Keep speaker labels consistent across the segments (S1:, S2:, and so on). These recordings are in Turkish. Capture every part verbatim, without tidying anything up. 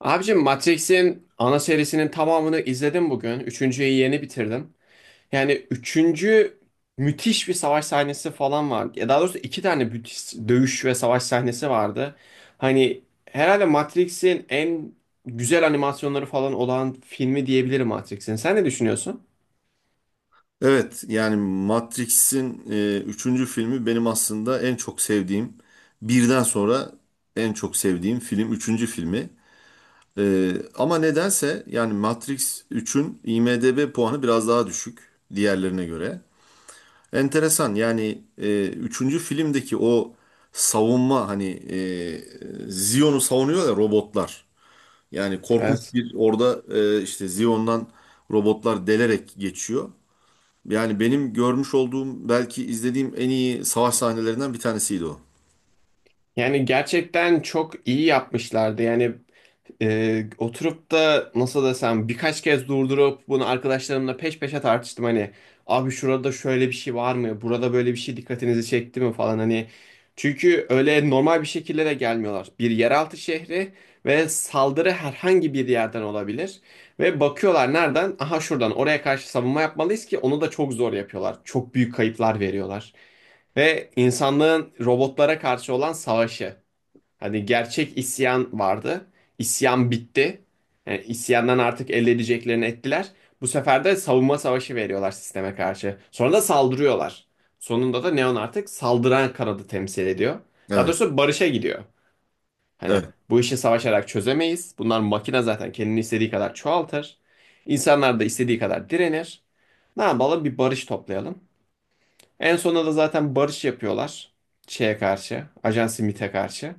S1: Abicim Matrix'in ana serisinin tamamını izledim bugün. Üçüncüyü yeni bitirdim. Yani üçüncü müthiş bir savaş sahnesi falan var. Ya daha doğrusu iki tane müthiş dövüş ve savaş sahnesi vardı. Hani herhalde Matrix'in en güzel animasyonları falan olan filmi diyebilirim Matrix'in. Sen ne düşünüyorsun?
S2: Evet yani Matrix'in e, üçüncü filmi benim aslında en çok sevdiğim birden sonra en çok sevdiğim film üçüncü filmi. E, ama nedense yani Matrix üçün IMDb puanı biraz daha düşük diğerlerine göre. Enteresan yani e, üçüncü filmdeki o savunma hani e, Zion'u savunuyor ya robotlar. Yani korkunç
S1: Evet.
S2: bir orada e, işte Zion'dan robotlar delerek geçiyor. Yani benim görmüş olduğum belki izlediğim en iyi savaş sahnelerinden bir tanesiydi o.
S1: Yani gerçekten çok iyi yapmışlardı. Yani e, oturup da nasıl desem birkaç kez durdurup bunu arkadaşlarımla peş peşe tartıştım. Hani abi şurada şöyle bir şey var mı? Burada böyle bir şey dikkatinizi çekti mi falan hani. Çünkü öyle normal bir şekilde de gelmiyorlar. Bir yeraltı şehri ve saldırı herhangi bir yerden olabilir. Ve bakıyorlar nereden? Aha şuradan oraya karşı savunma yapmalıyız ki onu da çok zor yapıyorlar. Çok büyük kayıplar veriyorlar. Ve insanlığın robotlara karşı olan savaşı. Hani gerçek isyan vardı. İsyan bitti. Yani isyandan artık elde edeceklerini ettiler. Bu sefer de savunma savaşı veriyorlar sisteme karşı. Sonra da saldırıyorlar. Sonunda da Neon artık saldıran kanadı temsil ediyor. Daha
S2: Evet,
S1: doğrusu barışa gidiyor. Hani
S2: evet.
S1: bu işi savaşarak çözemeyiz. Bunlar makine zaten kendini istediği kadar çoğaltır. İnsanlar da istediği kadar direnir. Ne yapalım bir barış toplayalım. En sonunda da zaten barış yapıyorlar. Şeye karşı. Ajan Smith'e karşı.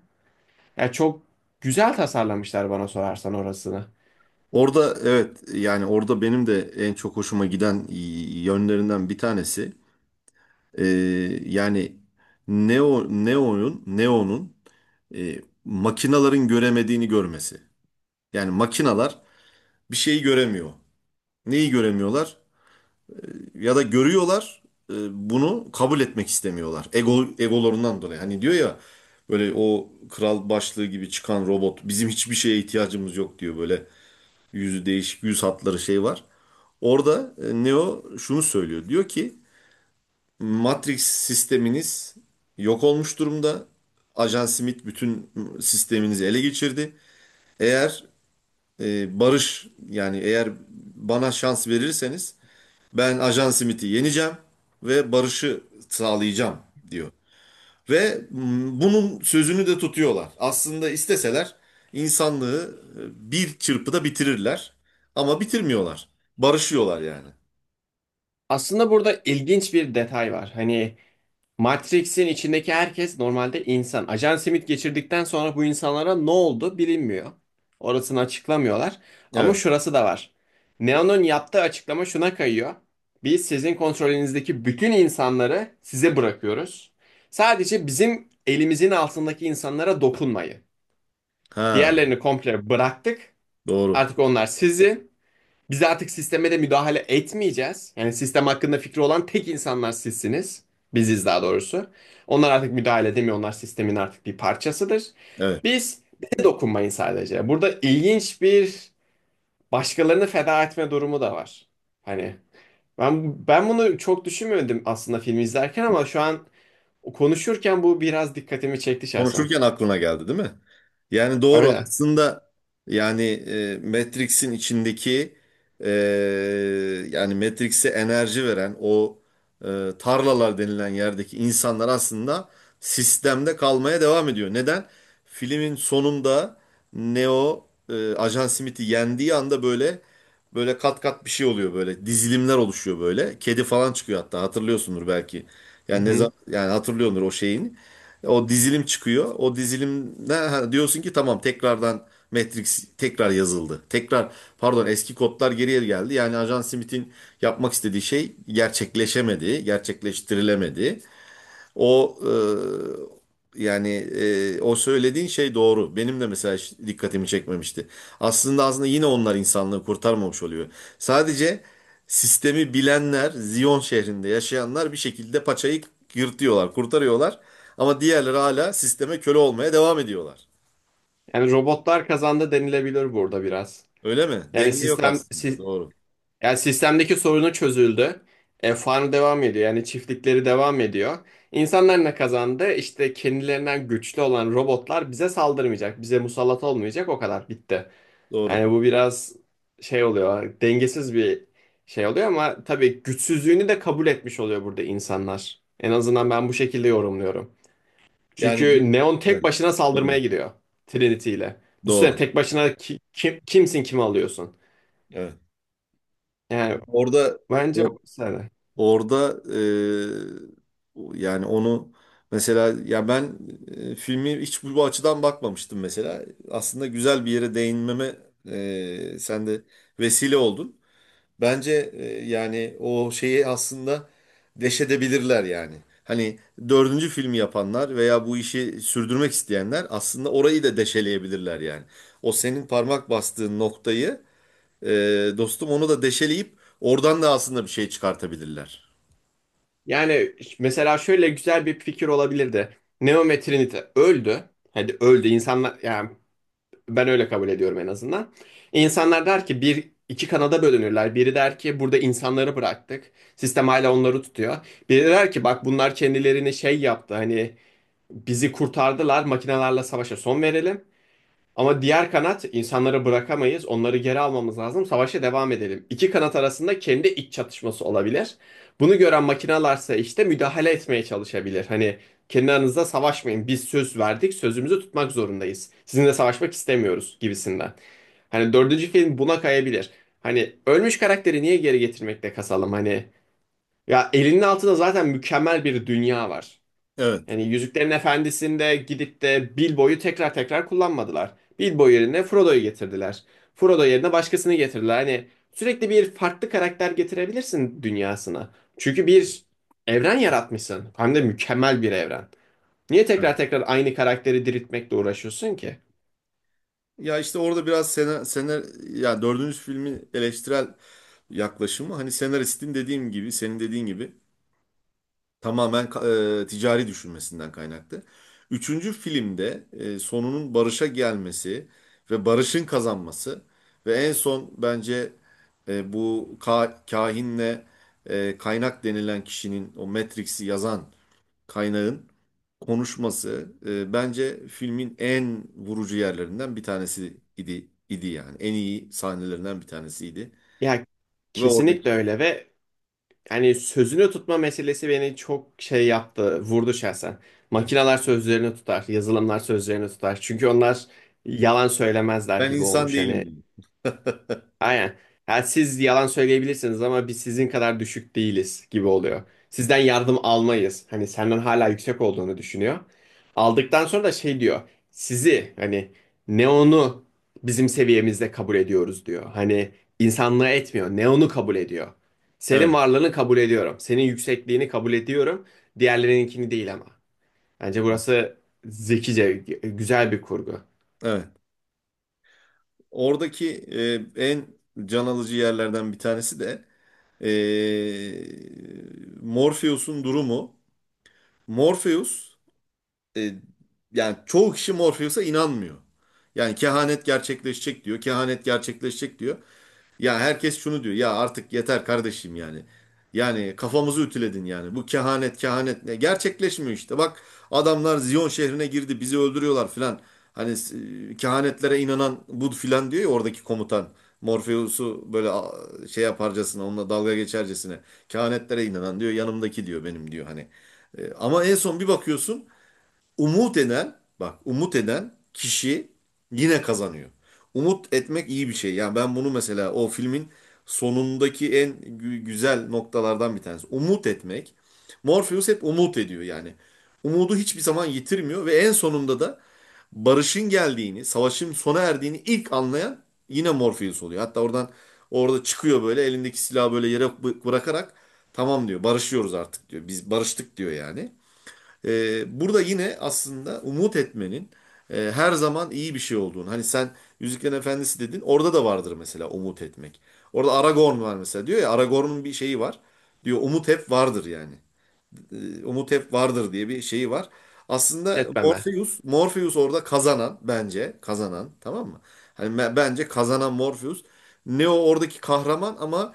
S1: Yani çok güzel tasarlamışlar bana sorarsan orasını.
S2: Orada evet yani orada benim de en çok hoşuma giden yönlerinden bir tanesi. Ee, yani Neo Neo'nun Neo'nun e, makinaların göremediğini görmesi. Yani makinalar bir şeyi göremiyor. Neyi göremiyorlar? Ya da görüyorlar e, bunu kabul etmek istemiyorlar. Ego egolarından dolayı. Hani diyor ya böyle o kral başlığı gibi çıkan robot bizim hiçbir şeye ihtiyacımız yok diyor böyle yüzü değişik yüz hatları şey var. Orada e, Neo şunu söylüyor. Diyor ki Matrix sisteminiz yok olmuş durumda. Ajan Smith bütün sisteminizi ele geçirdi. Eğer e, barış yani eğer bana şans verirseniz ben Ajan Smith'i yeneceğim ve barışı sağlayacağım diyor. Ve mm, bunun sözünü de tutuyorlar. Aslında isteseler insanlığı e, bir çırpıda bitirirler. Ama bitirmiyorlar. Barışıyorlar yani.
S1: Aslında burada ilginç bir detay var. Hani Matrix'in içindeki herkes normalde insan. Ajan Smith geçirdikten sonra bu insanlara ne oldu bilinmiyor. Orasını açıklamıyorlar. Ama
S2: Evet.
S1: şurası da var. Neo'nun yaptığı açıklama şuna kayıyor. Biz sizin kontrolünüzdeki bütün insanları size bırakıyoruz. Sadece bizim elimizin altındaki insanlara dokunmayı.
S2: Ha,
S1: Diğerlerini komple bıraktık.
S2: doğru.
S1: Artık onlar sizin. Biz artık sisteme de müdahale etmeyeceğiz. Yani sistem hakkında fikri olan tek insanlar sizsiniz. Biziz daha doğrusu. Onlar artık müdahale edemiyor. Onlar sistemin artık bir parçasıdır.
S2: Evet.
S1: Biz bize dokunmayın sadece. Burada ilginç bir başkalarını feda etme durumu da var. Hani ben ben bunu çok düşünmedim aslında filmi izlerken ama şu an konuşurken bu biraz dikkatimi çekti şahsen.
S2: Konuşurken aklına geldi değil mi? Yani doğru
S1: Öyle.
S2: aslında yani e, Matrix'in içindeki e, yani Matrix'e enerji veren o e, tarlalar denilen yerdeki insanlar aslında sistemde kalmaya devam ediyor. Neden? Filmin sonunda Neo e, Ajan Smith'i yendiği anda böyle böyle kat kat bir şey oluyor böyle dizilimler oluşuyor böyle. Kedi falan çıkıyor hatta hatırlıyorsundur belki.
S1: Hı
S2: Yani ne
S1: hı.
S2: zaman yani hatırlıyordur o şeyini. O dizilim çıkıyor. O dizilimde ha, diyorsun ki tamam tekrardan Matrix tekrar yazıldı. Tekrar pardon eski kodlar geriye geldi. Yani Ajan Smith'in yapmak istediği şey gerçekleşemedi, gerçekleştirilemedi. O e, yani e, o söylediğin şey doğru. Benim de mesela hiç dikkatimi çekmemişti. Aslında aslında yine onlar insanlığı kurtarmamış oluyor. Sadece sistemi bilenler, Ziyon şehrinde yaşayanlar bir şekilde paçayı yırtıyorlar, kurtarıyorlar. Ama diğerleri hala sisteme köle olmaya devam ediyorlar.
S1: Yani robotlar kazandı denilebilir burada biraz.
S2: Öyle mi?
S1: Yani
S2: Denge yok
S1: sistem
S2: aslında.
S1: si-
S2: Doğru.
S1: yani sistemdeki sorunu çözüldü. E, farm devam ediyor. Yani çiftlikleri devam ediyor. İnsanlar ne kazandı? İşte kendilerinden güçlü olan robotlar bize saldırmayacak. Bize musallat olmayacak. O kadar bitti.
S2: Doğru.
S1: Yani bu biraz şey oluyor. Dengesiz bir şey oluyor ama tabii güçsüzlüğünü de kabul etmiş oluyor burada insanlar. En azından ben bu şekilde yorumluyorum.
S2: Yani güç.
S1: Çünkü Neon
S2: Heh,
S1: tek başına saldırmaya
S2: doğru.
S1: gidiyor Trinity ile. Düşünsene
S2: Doğru.
S1: tek başına ki- kim, kimsin kimi alıyorsun.
S2: Evet.
S1: Yani
S2: Orada
S1: bence
S2: or-
S1: mesela.
S2: orada e, yani onu mesela ya ben e, filmi hiç bu bu açıdan bakmamıştım mesela. Aslında güzel bir yere değinmeme e, sen de vesile oldun. Bence e, yani o şeyi aslında deşedebilirler yani. Hani dördüncü filmi yapanlar veya bu işi sürdürmek isteyenler aslında orayı da deşeleyebilirler yani. O senin parmak bastığın noktayı e, dostum onu da deşeleyip oradan da aslında bir şey çıkartabilirler.
S1: Yani mesela şöyle güzel bir fikir olabilirdi. Neo ve Trinity öldü. Hadi öldü insanlar yani ben öyle kabul ediyorum en azından. İnsanlar der ki bir iki kanada bölünürler. Biri der ki burada insanları bıraktık. Sistem hala onları tutuyor. Biri der ki bak bunlar kendilerini şey yaptı hani bizi kurtardılar makinelerle savaşa son verelim. Ama diğer kanat insanları bırakamayız. Onları geri almamız lazım. Savaşa devam edelim. İki kanat arasında kendi iç çatışması olabilir. Bunu gören makinalarsa işte müdahale etmeye çalışabilir. Hani kendi aranızda savaşmayın. Biz söz verdik, sözümüzü tutmak zorundayız. Sizinle savaşmak istemiyoruz gibisinden. Hani dördüncü film buna kayabilir. Hani ölmüş karakteri niye geri getirmekte kasalım? Hani ya elinin altında zaten mükemmel bir dünya var.
S2: Evet.
S1: Yani Yüzüklerin Efendisi'nde gidip de Bilbo'yu tekrar tekrar kullanmadılar. Bilbo yerine Frodo'yu getirdiler. Frodo yerine başkasını getirdiler. Hani sürekli bir farklı karakter getirebilirsin dünyasına. Çünkü bir evren yaratmışsın. Hem de mükemmel bir evren. Niye
S2: Ha.
S1: tekrar tekrar aynı karakteri diriltmekle uğraşıyorsun ki?
S2: Ya işte orada biraz senar, senar ya dördüncü filmin eleştirel yaklaşımı hani senaristin dediğim gibi senin dediğin gibi tamamen ka- e, ticari düşünmesinden kaynaklı. Üçüncü filmde e, sonunun barışa gelmesi ve barışın kazanması ve en son bence e, bu ka- kahinle e, kaynak denilen kişinin o Matrix'i yazan kaynağın konuşması e, bence filmin en vurucu yerlerinden bir tanesi idi idi yani. En iyi sahnelerinden bir tanesiydi.
S1: Ya
S2: Ve oradaki
S1: kesinlikle öyle ve hani sözünü tutma meselesi beni çok şey yaptı, vurdu şahsen. Makineler sözlerini tutar, yazılımlar sözlerini tutar. Çünkü onlar yalan söylemezler
S2: ben
S1: gibi
S2: insan
S1: olmuş
S2: değilim
S1: hani.
S2: dedi.
S1: Aynen. Ha, siz yalan söyleyebilirsiniz ama biz sizin kadar düşük değiliz gibi oluyor. Sizden yardım almayız. Hani senden hala yüksek olduğunu düşünüyor. Aldıktan sonra da şey diyor. Sizi hani Neon'u bizim seviyemizde kabul ediyoruz diyor. Hani insanlığı etmiyor. Neon'u kabul ediyor. Senin
S2: Evet.
S1: varlığını kabul ediyorum. Senin yüksekliğini kabul ediyorum. Diğerlerininkini değil ama. Bence burası zekice, güzel bir kurgu.
S2: Evet. Oradaki e, en can alıcı yerlerden bir tanesi de e, Morpheus'un durumu. Morpheus e, yani çoğu kişi Morpheus'a inanmıyor. Yani kehanet gerçekleşecek diyor, kehanet gerçekleşecek diyor. Ya herkes şunu diyor. Ya artık yeter kardeşim yani. Yani kafamızı ütüledin yani. Bu kehanet kehanet ne? Gerçekleşmiyor işte. Bak adamlar Ziyon şehrine girdi. Bizi öldürüyorlar filan. Hani e, kehanetlere inanan bu filan diyor ya oradaki komutan. Morpheus'u böyle a, şey yaparcasına onunla dalga geçercesine. Kehanetlere inanan diyor yanımdaki diyor benim diyor hani. E, Ama en son bir bakıyorsun umut eden bak umut eden kişi yine kazanıyor. Umut etmek iyi bir şey. Yani ben bunu mesela o filmin sonundaki en gü- güzel noktalardan bir tanesi. Umut etmek. Morpheus hep umut ediyor yani. Umudu hiçbir zaman yitirmiyor ve en sonunda da barışın geldiğini, savaşın sona erdiğini ilk anlayan yine Morpheus oluyor. Hatta oradan orada çıkıyor böyle elindeki silahı böyle yere bı- bırakarak tamam diyor barışıyoruz artık diyor. Biz barıştık diyor yani. Ee, burada yine aslında umut etmenin e, her zaman iyi bir şey olduğunu. Hani sen Yüzüklerin Efendisi dedin. Orada da vardır mesela umut etmek. Orada Aragorn var mesela diyor ya Aragorn'un bir şeyi var. Diyor umut hep vardır yani umut hep vardır diye bir şeyi var. Aslında
S1: Etmeme.
S2: Morpheus, Morpheus orada kazanan bence kazanan tamam mı? Hani me- bence kazanan Morpheus. Neo oradaki kahraman ama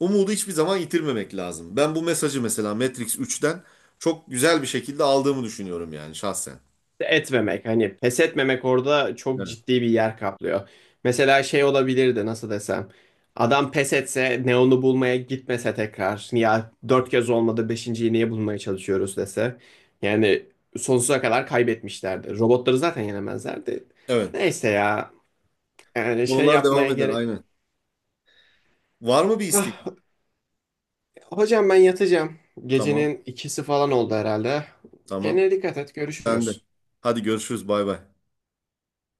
S2: umudu hiçbir zaman yitirmemek lazım. Ben bu mesajı mesela Matrix üçten çok güzel bir şekilde aldığımı düşünüyorum yani şahsen.
S1: Etmemek hani pes etmemek orada çok
S2: Evet.
S1: ciddi bir yer kaplıyor. Mesela şey olabilirdi nasıl desem. Adam pes etse Neon'u bulmaya gitmese tekrar ya dört kez olmadı beşinciyi niye bulmaya çalışıyoruz dese. Yani sonsuza kadar kaybetmişlerdi. Robotları zaten yenemezlerdi.
S2: Evet.
S1: Neyse ya yani şey
S2: Konular devam
S1: yapmaya
S2: eder
S1: gerek.
S2: aynen. Var mı bir istek?
S1: Ah, hocam ben yatacağım.
S2: Tamam.
S1: Gecenin ikisi falan oldu herhalde.
S2: Tamam.
S1: Kendine dikkat et
S2: Sen de.
S1: görüşürüz.
S2: Hadi görüşürüz. Bay bay.